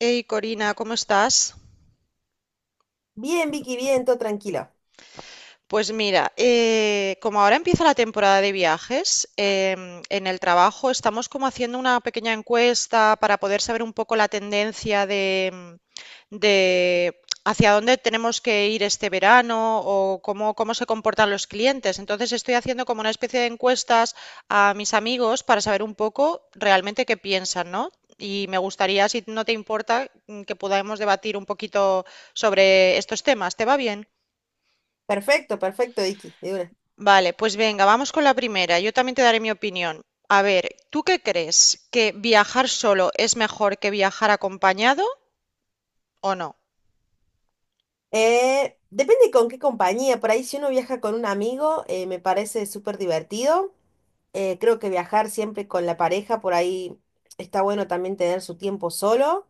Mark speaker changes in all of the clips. Speaker 1: Hey Corina, ¿cómo estás?
Speaker 2: Bien, Vicky, bien, todo tranquilo.
Speaker 1: Pues mira, como ahora empieza la temporada de viajes, en el trabajo estamos como haciendo una pequeña encuesta para poder saber un poco la tendencia de hacia dónde tenemos que ir este verano o cómo se comportan los clientes. Entonces estoy haciendo como una especie de encuestas a mis amigos para saber un poco realmente qué piensan, ¿no? Y me gustaría, si no te importa, que podamos debatir un poquito sobre estos temas. ¿Te va bien?
Speaker 2: Perfecto, perfecto, Vicky, de una.
Speaker 1: Vale, pues venga, vamos con la primera. Yo también te daré mi opinión. A ver, ¿tú qué crees? ¿Que viajar solo es mejor que viajar acompañado o no?
Speaker 2: Depende con qué compañía. Por ahí, si uno viaja con un amigo, me parece súper divertido. Creo que viajar siempre con la pareja, por ahí está bueno también tener su tiempo solo.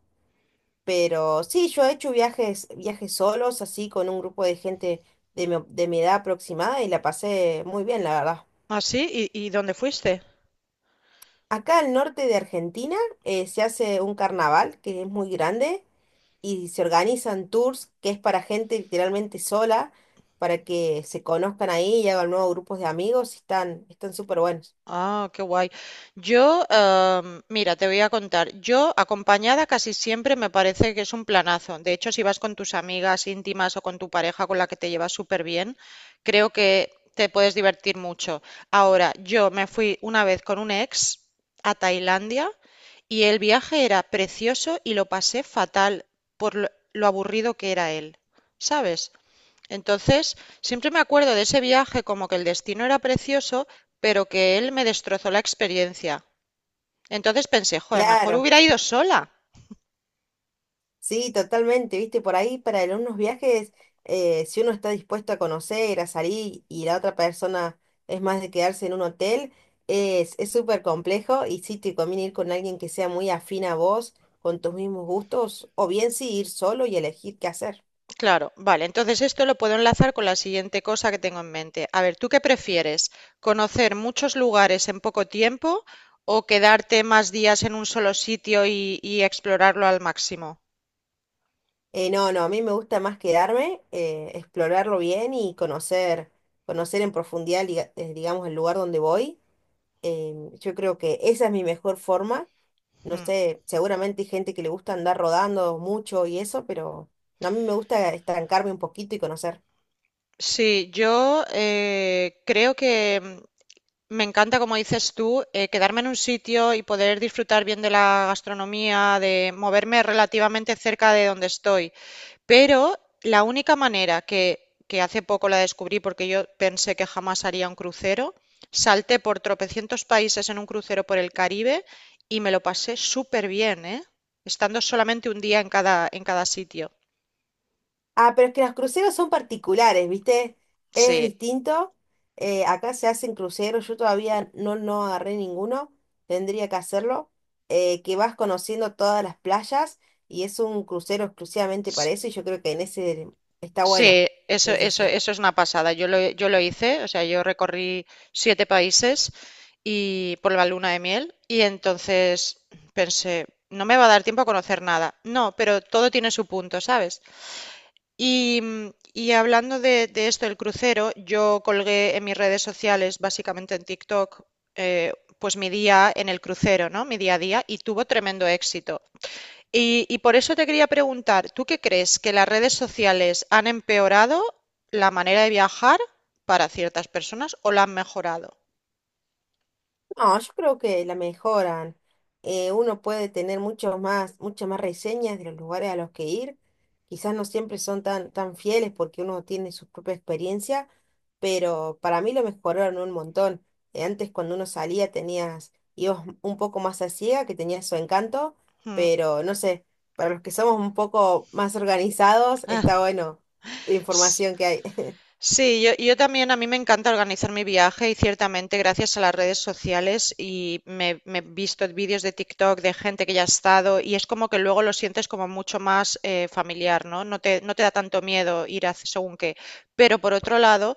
Speaker 2: Pero sí, yo he hecho viajes, viajes solos, así con un grupo de gente de mi edad aproximada y la pasé muy bien, la verdad.
Speaker 1: ¿Así? ¿Y dónde fuiste?
Speaker 2: Acá al norte de Argentina, se hace un carnaval que es muy grande. Y se organizan tours que es para gente literalmente sola, para que se conozcan ahí y hagan nuevos grupos de amigos, y están súper buenos.
Speaker 1: Ah, qué guay. Yo, mira, te voy a contar. Yo, acompañada casi siempre me parece que es un planazo. De hecho, si vas con tus amigas íntimas o con tu pareja con la que te llevas súper bien, creo que te puedes divertir mucho. Ahora, yo me fui una vez con un ex a Tailandia y el viaje era precioso y lo pasé fatal por lo aburrido que era él, ¿sabes? Entonces, siempre me acuerdo de ese viaje como que el destino era precioso, pero que él me destrozó la experiencia. Entonces pensé, joder, mejor
Speaker 2: Claro,
Speaker 1: hubiera ido sola.
Speaker 2: sí, totalmente, viste, por ahí para en unos viajes, si uno está dispuesto a conocer, a salir y la otra persona es más de quedarse en un hotel, es súper complejo y sí te conviene ir con alguien que sea muy afín a vos, con tus mismos gustos, o bien sí ir solo y elegir qué hacer.
Speaker 1: Claro, vale, entonces esto lo puedo enlazar con la siguiente cosa que tengo en mente. A ver, ¿tú qué prefieres? ¿Conocer muchos lugares en poco tiempo o quedarte más días en un solo sitio y explorarlo al máximo?
Speaker 2: No, a mí me gusta más quedarme, explorarlo bien y conocer en profundidad, digamos, el lugar donde voy. Yo creo que esa es mi mejor forma. No
Speaker 1: Mm.
Speaker 2: sé, seguramente hay gente que le gusta andar rodando mucho y eso, pero no, a mí me gusta estancarme un poquito y conocer.
Speaker 1: Sí, yo creo que me encanta, como dices tú, quedarme en un sitio y poder disfrutar bien de la gastronomía, de moverme relativamente cerca de donde estoy. Pero la única manera que hace poco la descubrí, porque yo pensé que jamás haría un crucero, salté por tropecientos países en un crucero por el Caribe y me lo pasé súper bien, ¿eh? Estando solamente un día en en cada sitio.
Speaker 2: Ah, pero es que los cruceros son particulares, ¿viste? Es
Speaker 1: Sí.
Speaker 2: distinto. Acá se hacen cruceros, yo todavía no agarré ninguno, tendría que hacerlo, que vas conociendo todas las playas y es un crucero exclusivamente para eso y yo creo que en ese está bueno.
Speaker 1: Sí, eso,
Speaker 2: Sí, sí,
Speaker 1: eso,
Speaker 2: sí.
Speaker 1: eso es una pasada. Yo lo hice, o sea, yo recorrí siete países y por la luna de miel y entonces pensé, no me va a dar tiempo a conocer nada. No, pero todo tiene su punto, ¿sabes? Y, y hablando de esto del crucero, yo colgué en mis redes sociales, básicamente en TikTok, eh, pues mi día en el crucero, ¿no? Mi día a día y tuvo tremendo éxito. Y por eso te quería preguntar, ¿tú qué crees que las redes sociales han empeorado la manera de viajar para ciertas personas o la han mejorado?
Speaker 2: No, yo creo que la mejoran. Uno puede tener muchos más, muchas más reseñas de los lugares a los que ir. Quizás no siempre son tan fieles porque uno tiene su propia experiencia, pero para mí lo mejoraron un montón. Antes cuando uno salía tenías, ibas un poco más a ciega, que tenía su encanto,
Speaker 1: Mm.
Speaker 2: pero no sé, para los que somos un poco más organizados,
Speaker 1: Ah,
Speaker 2: está bueno la
Speaker 1: S-
Speaker 2: información que hay.
Speaker 1: sí, yo también, a mí me encanta organizar mi viaje y ciertamente gracias a las redes sociales y me he visto vídeos de TikTok de gente que ya ha estado y es como que luego lo sientes como mucho más familiar, ¿no? No te da tanto miedo ir a según qué. Pero por otro lado,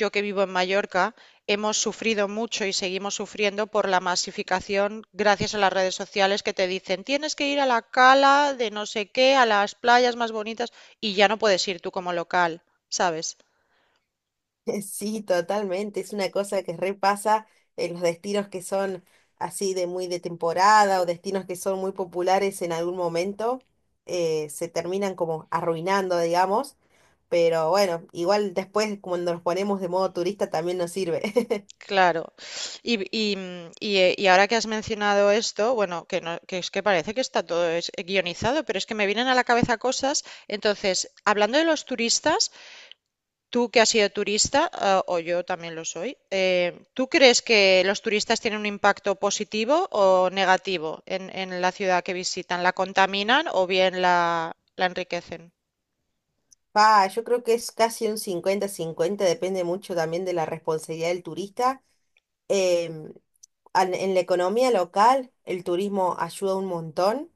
Speaker 1: yo que vivo en Mallorca, hemos sufrido mucho y seguimos sufriendo por la masificación gracias a las redes sociales que te dicen tienes que ir a la cala de no sé qué, a las playas más bonitas y ya no puedes ir tú como local, ¿sabes?
Speaker 2: Sí, totalmente. Es una cosa que repasa en los destinos que son así de muy de temporada o destinos que son muy populares en algún momento, se terminan como arruinando, digamos. Pero bueno, igual después cuando nos ponemos de modo turista también nos sirve.
Speaker 1: Claro. Y ahora que has mencionado esto, bueno, no, que es que parece que está todo guionizado, pero es que me vienen a la cabeza cosas. Entonces, hablando de los turistas, tú que has sido turista, ah, o yo también lo soy, ¿tú crees que los turistas tienen un impacto positivo o negativo en la ciudad que visitan? ¿La contaminan o bien la enriquecen?
Speaker 2: Yo creo que es casi un cincuenta-cincuenta, depende mucho también de la responsabilidad del turista. em, en la economía local, el turismo ayuda un montón,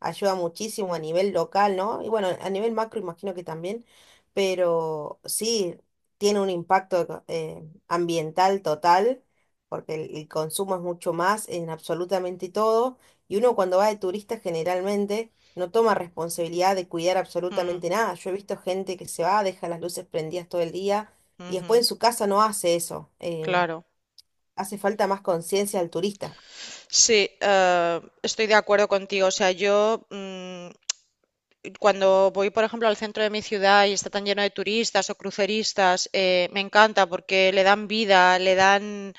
Speaker 2: ayuda muchísimo a nivel local, ¿no? Y bueno, a nivel macro imagino que también, pero sí, tiene un impacto ambiental total, porque el consumo es mucho más en absolutamente todo, y uno cuando va de turista generalmente no toma responsabilidad de cuidar
Speaker 1: Mm,
Speaker 2: absolutamente nada. Yo he visto gente que se va, deja las luces prendidas todo el día, y después
Speaker 1: ujú,
Speaker 2: en su casa no hace eso.
Speaker 1: claro.
Speaker 2: Hace falta más conciencia al turista.
Speaker 1: Sí, estoy de acuerdo contigo. O sea, yo... cuando voy, por ejemplo, al centro de mi ciudad y está tan lleno de turistas o cruceristas, me encanta porque le dan vida,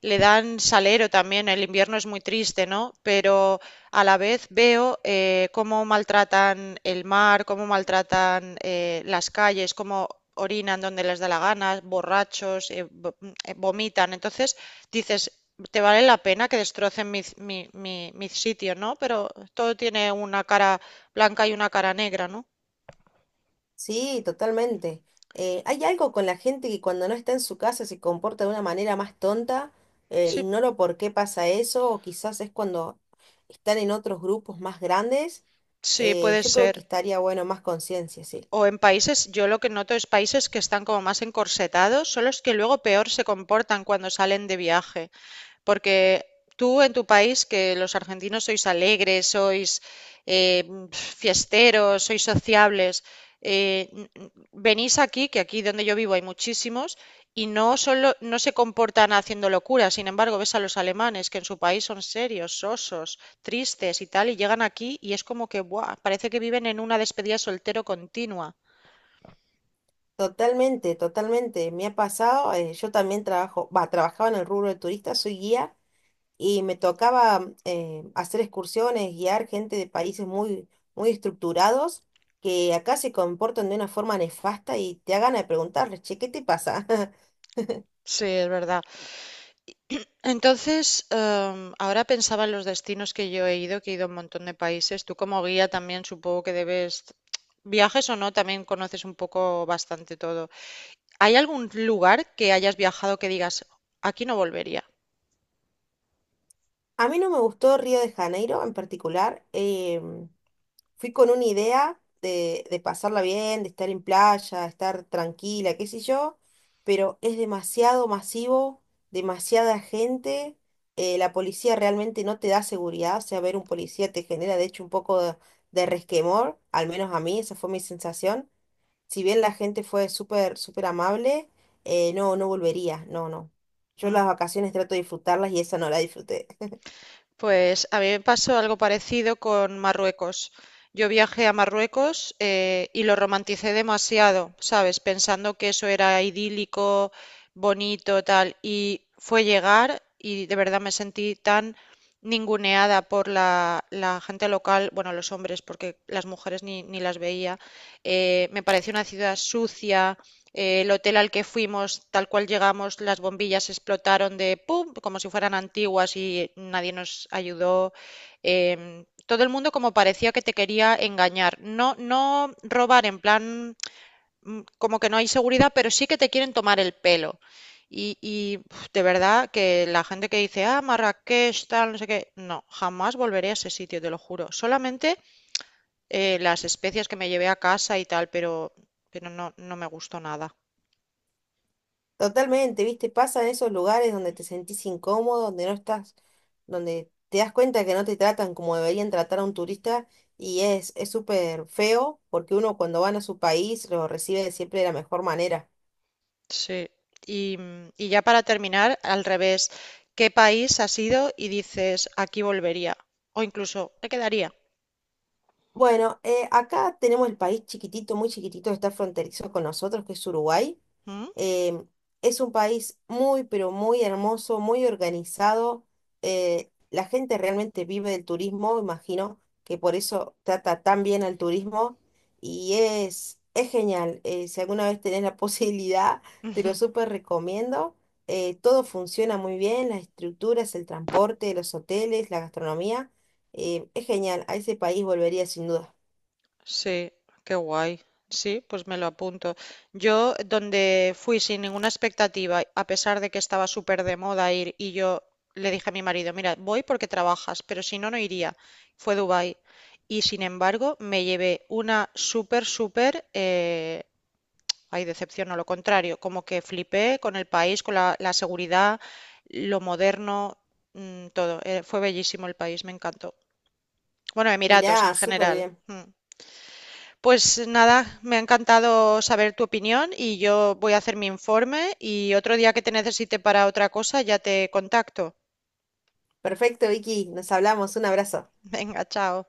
Speaker 1: le dan salero también. El invierno es muy triste, ¿no? Pero a la vez veo cómo maltratan el mar, cómo maltratan las calles, cómo orinan donde les da la gana, borrachos, vomitan. Entonces dices, te vale la pena que destrocen mi sitio, ¿no? Pero todo tiene una cara blanca y una cara negra, ¿no?
Speaker 2: Sí, totalmente. Hay algo con la gente que cuando no está en su casa se comporta de una manera más tonta.
Speaker 1: Sí,
Speaker 2: Ignoro por qué pasa eso, o quizás es cuando están en otros grupos más grandes.
Speaker 1: sí, puede
Speaker 2: Yo creo que
Speaker 1: ser.
Speaker 2: estaría bueno más conciencia, sí.
Speaker 1: O en países, yo lo que noto es países que están como más encorsetados, son los que luego peor se comportan cuando salen de viaje. Porque tú en tu país, que los argentinos sois alegres, sois eh, fiesteros, sois sociables, eh, n- n- venís aquí, que aquí donde yo vivo hay muchísimos, y no solo no se comportan haciendo locuras. Sin embargo, ves a los alemanes que en su país son serios, sosos, tristes y tal, y llegan aquí y es como que, ¡buah! Parece que viven en una despedida de soltero continua.
Speaker 2: Totalmente, totalmente. Me ha pasado, yo también trabajaba en el rubro de turistas, soy guía. Y me tocaba hacer excursiones, guiar gente de países muy estructurados que acá se comportan de una forma nefasta y te hagan a preguntarles, che, ¿qué te pasa?
Speaker 1: Sí, es verdad. Entonces, ahora pensaba en los destinos que yo he ido, que he ido a un montón de países. Tú como guía también supongo que debes, viajes o no, también conoces un poco bastante todo. ¿Hay algún lugar que hayas viajado que digas, aquí no volvería?
Speaker 2: A mí no me gustó Río de Janeiro en particular. Fui con una idea de pasarla bien, de estar en playa, estar tranquila, qué sé yo, pero es demasiado masivo, demasiada gente, la policía realmente no te da seguridad, o sea, ver un policía te genera de hecho un poco de resquemor, al menos a mí, esa fue mi sensación. Si bien la gente fue súper amable, no, no volvería, no, no. Yo
Speaker 1: Mm.
Speaker 2: las vacaciones trato de disfrutarlas y esa no la disfruté.
Speaker 1: Pues a mí me pasó algo parecido con Marruecos. Yo viajé a Marruecos y lo romanticé demasiado, ¿sabes? Pensando que eso era idílico, bonito, tal. Y fue llegar y de verdad me sentí tan ninguneada por la gente local, bueno, los hombres, porque las mujeres ni las veía. Me pareció una ciudad sucia, el hotel al que fuimos, tal cual llegamos, las bombillas explotaron de pum, como si fueran antiguas y nadie nos ayudó. Todo el mundo como parecía que te quería engañar. No, no robar en plan como que no hay seguridad, pero sí que te quieren tomar el pelo. De verdad que la gente que dice, ah, Marrakech, tal, no sé qué, no, jamás volveré a ese sitio, te lo juro. Solamente las especias que me llevé a casa y tal, pero no, no me gustó nada.
Speaker 2: Totalmente, ¿viste? Pasa en esos lugares donde te sentís incómodo, donde no estás, donde te das cuenta que no te tratan como deberían tratar a un turista y es súper feo porque uno cuando van a su país lo recibe siempre de la mejor manera.
Speaker 1: Sí. Y, y ya para terminar, al revés, ¿qué país has ido y dices aquí volvería? O incluso me quedaría.
Speaker 2: Bueno, acá tenemos el país chiquitito, muy chiquitito, que está fronterizo con nosotros, que es Uruguay.
Speaker 1: ¿Mm?
Speaker 2: Eh, es un país muy, pero muy hermoso, muy organizado. La gente realmente vive del turismo, imagino que por eso trata tan bien al turismo y es genial. Si alguna vez tenés la posibilidad, te lo súper recomiendo. Todo funciona muy bien, las estructuras, el transporte, los hoteles, la gastronomía. Es genial, a ese país volvería sin duda.
Speaker 1: Sí, qué guay. Sí, pues me lo apunto. Yo, donde fui sin ninguna expectativa, a pesar de que estaba súper de moda ir, y yo le dije a mi marido, mira, voy porque trabajas, pero si no, no iría. Fue Dubái. Y sin embargo, me llevé una súper, súper hay decepción, no lo contrario. Como que flipé con el país, con la seguridad, lo moderno, todo. Fue bellísimo el país, me encantó. Bueno, Emiratos en
Speaker 2: Mirá, súper
Speaker 1: general.
Speaker 2: bien.
Speaker 1: Mm. Pues nada, me ha encantado saber tu opinión y yo voy a hacer mi informe y otro día que te necesite para otra cosa ya te contacto.
Speaker 2: Perfecto, Vicky, nos hablamos, un abrazo.
Speaker 1: Venga, chao.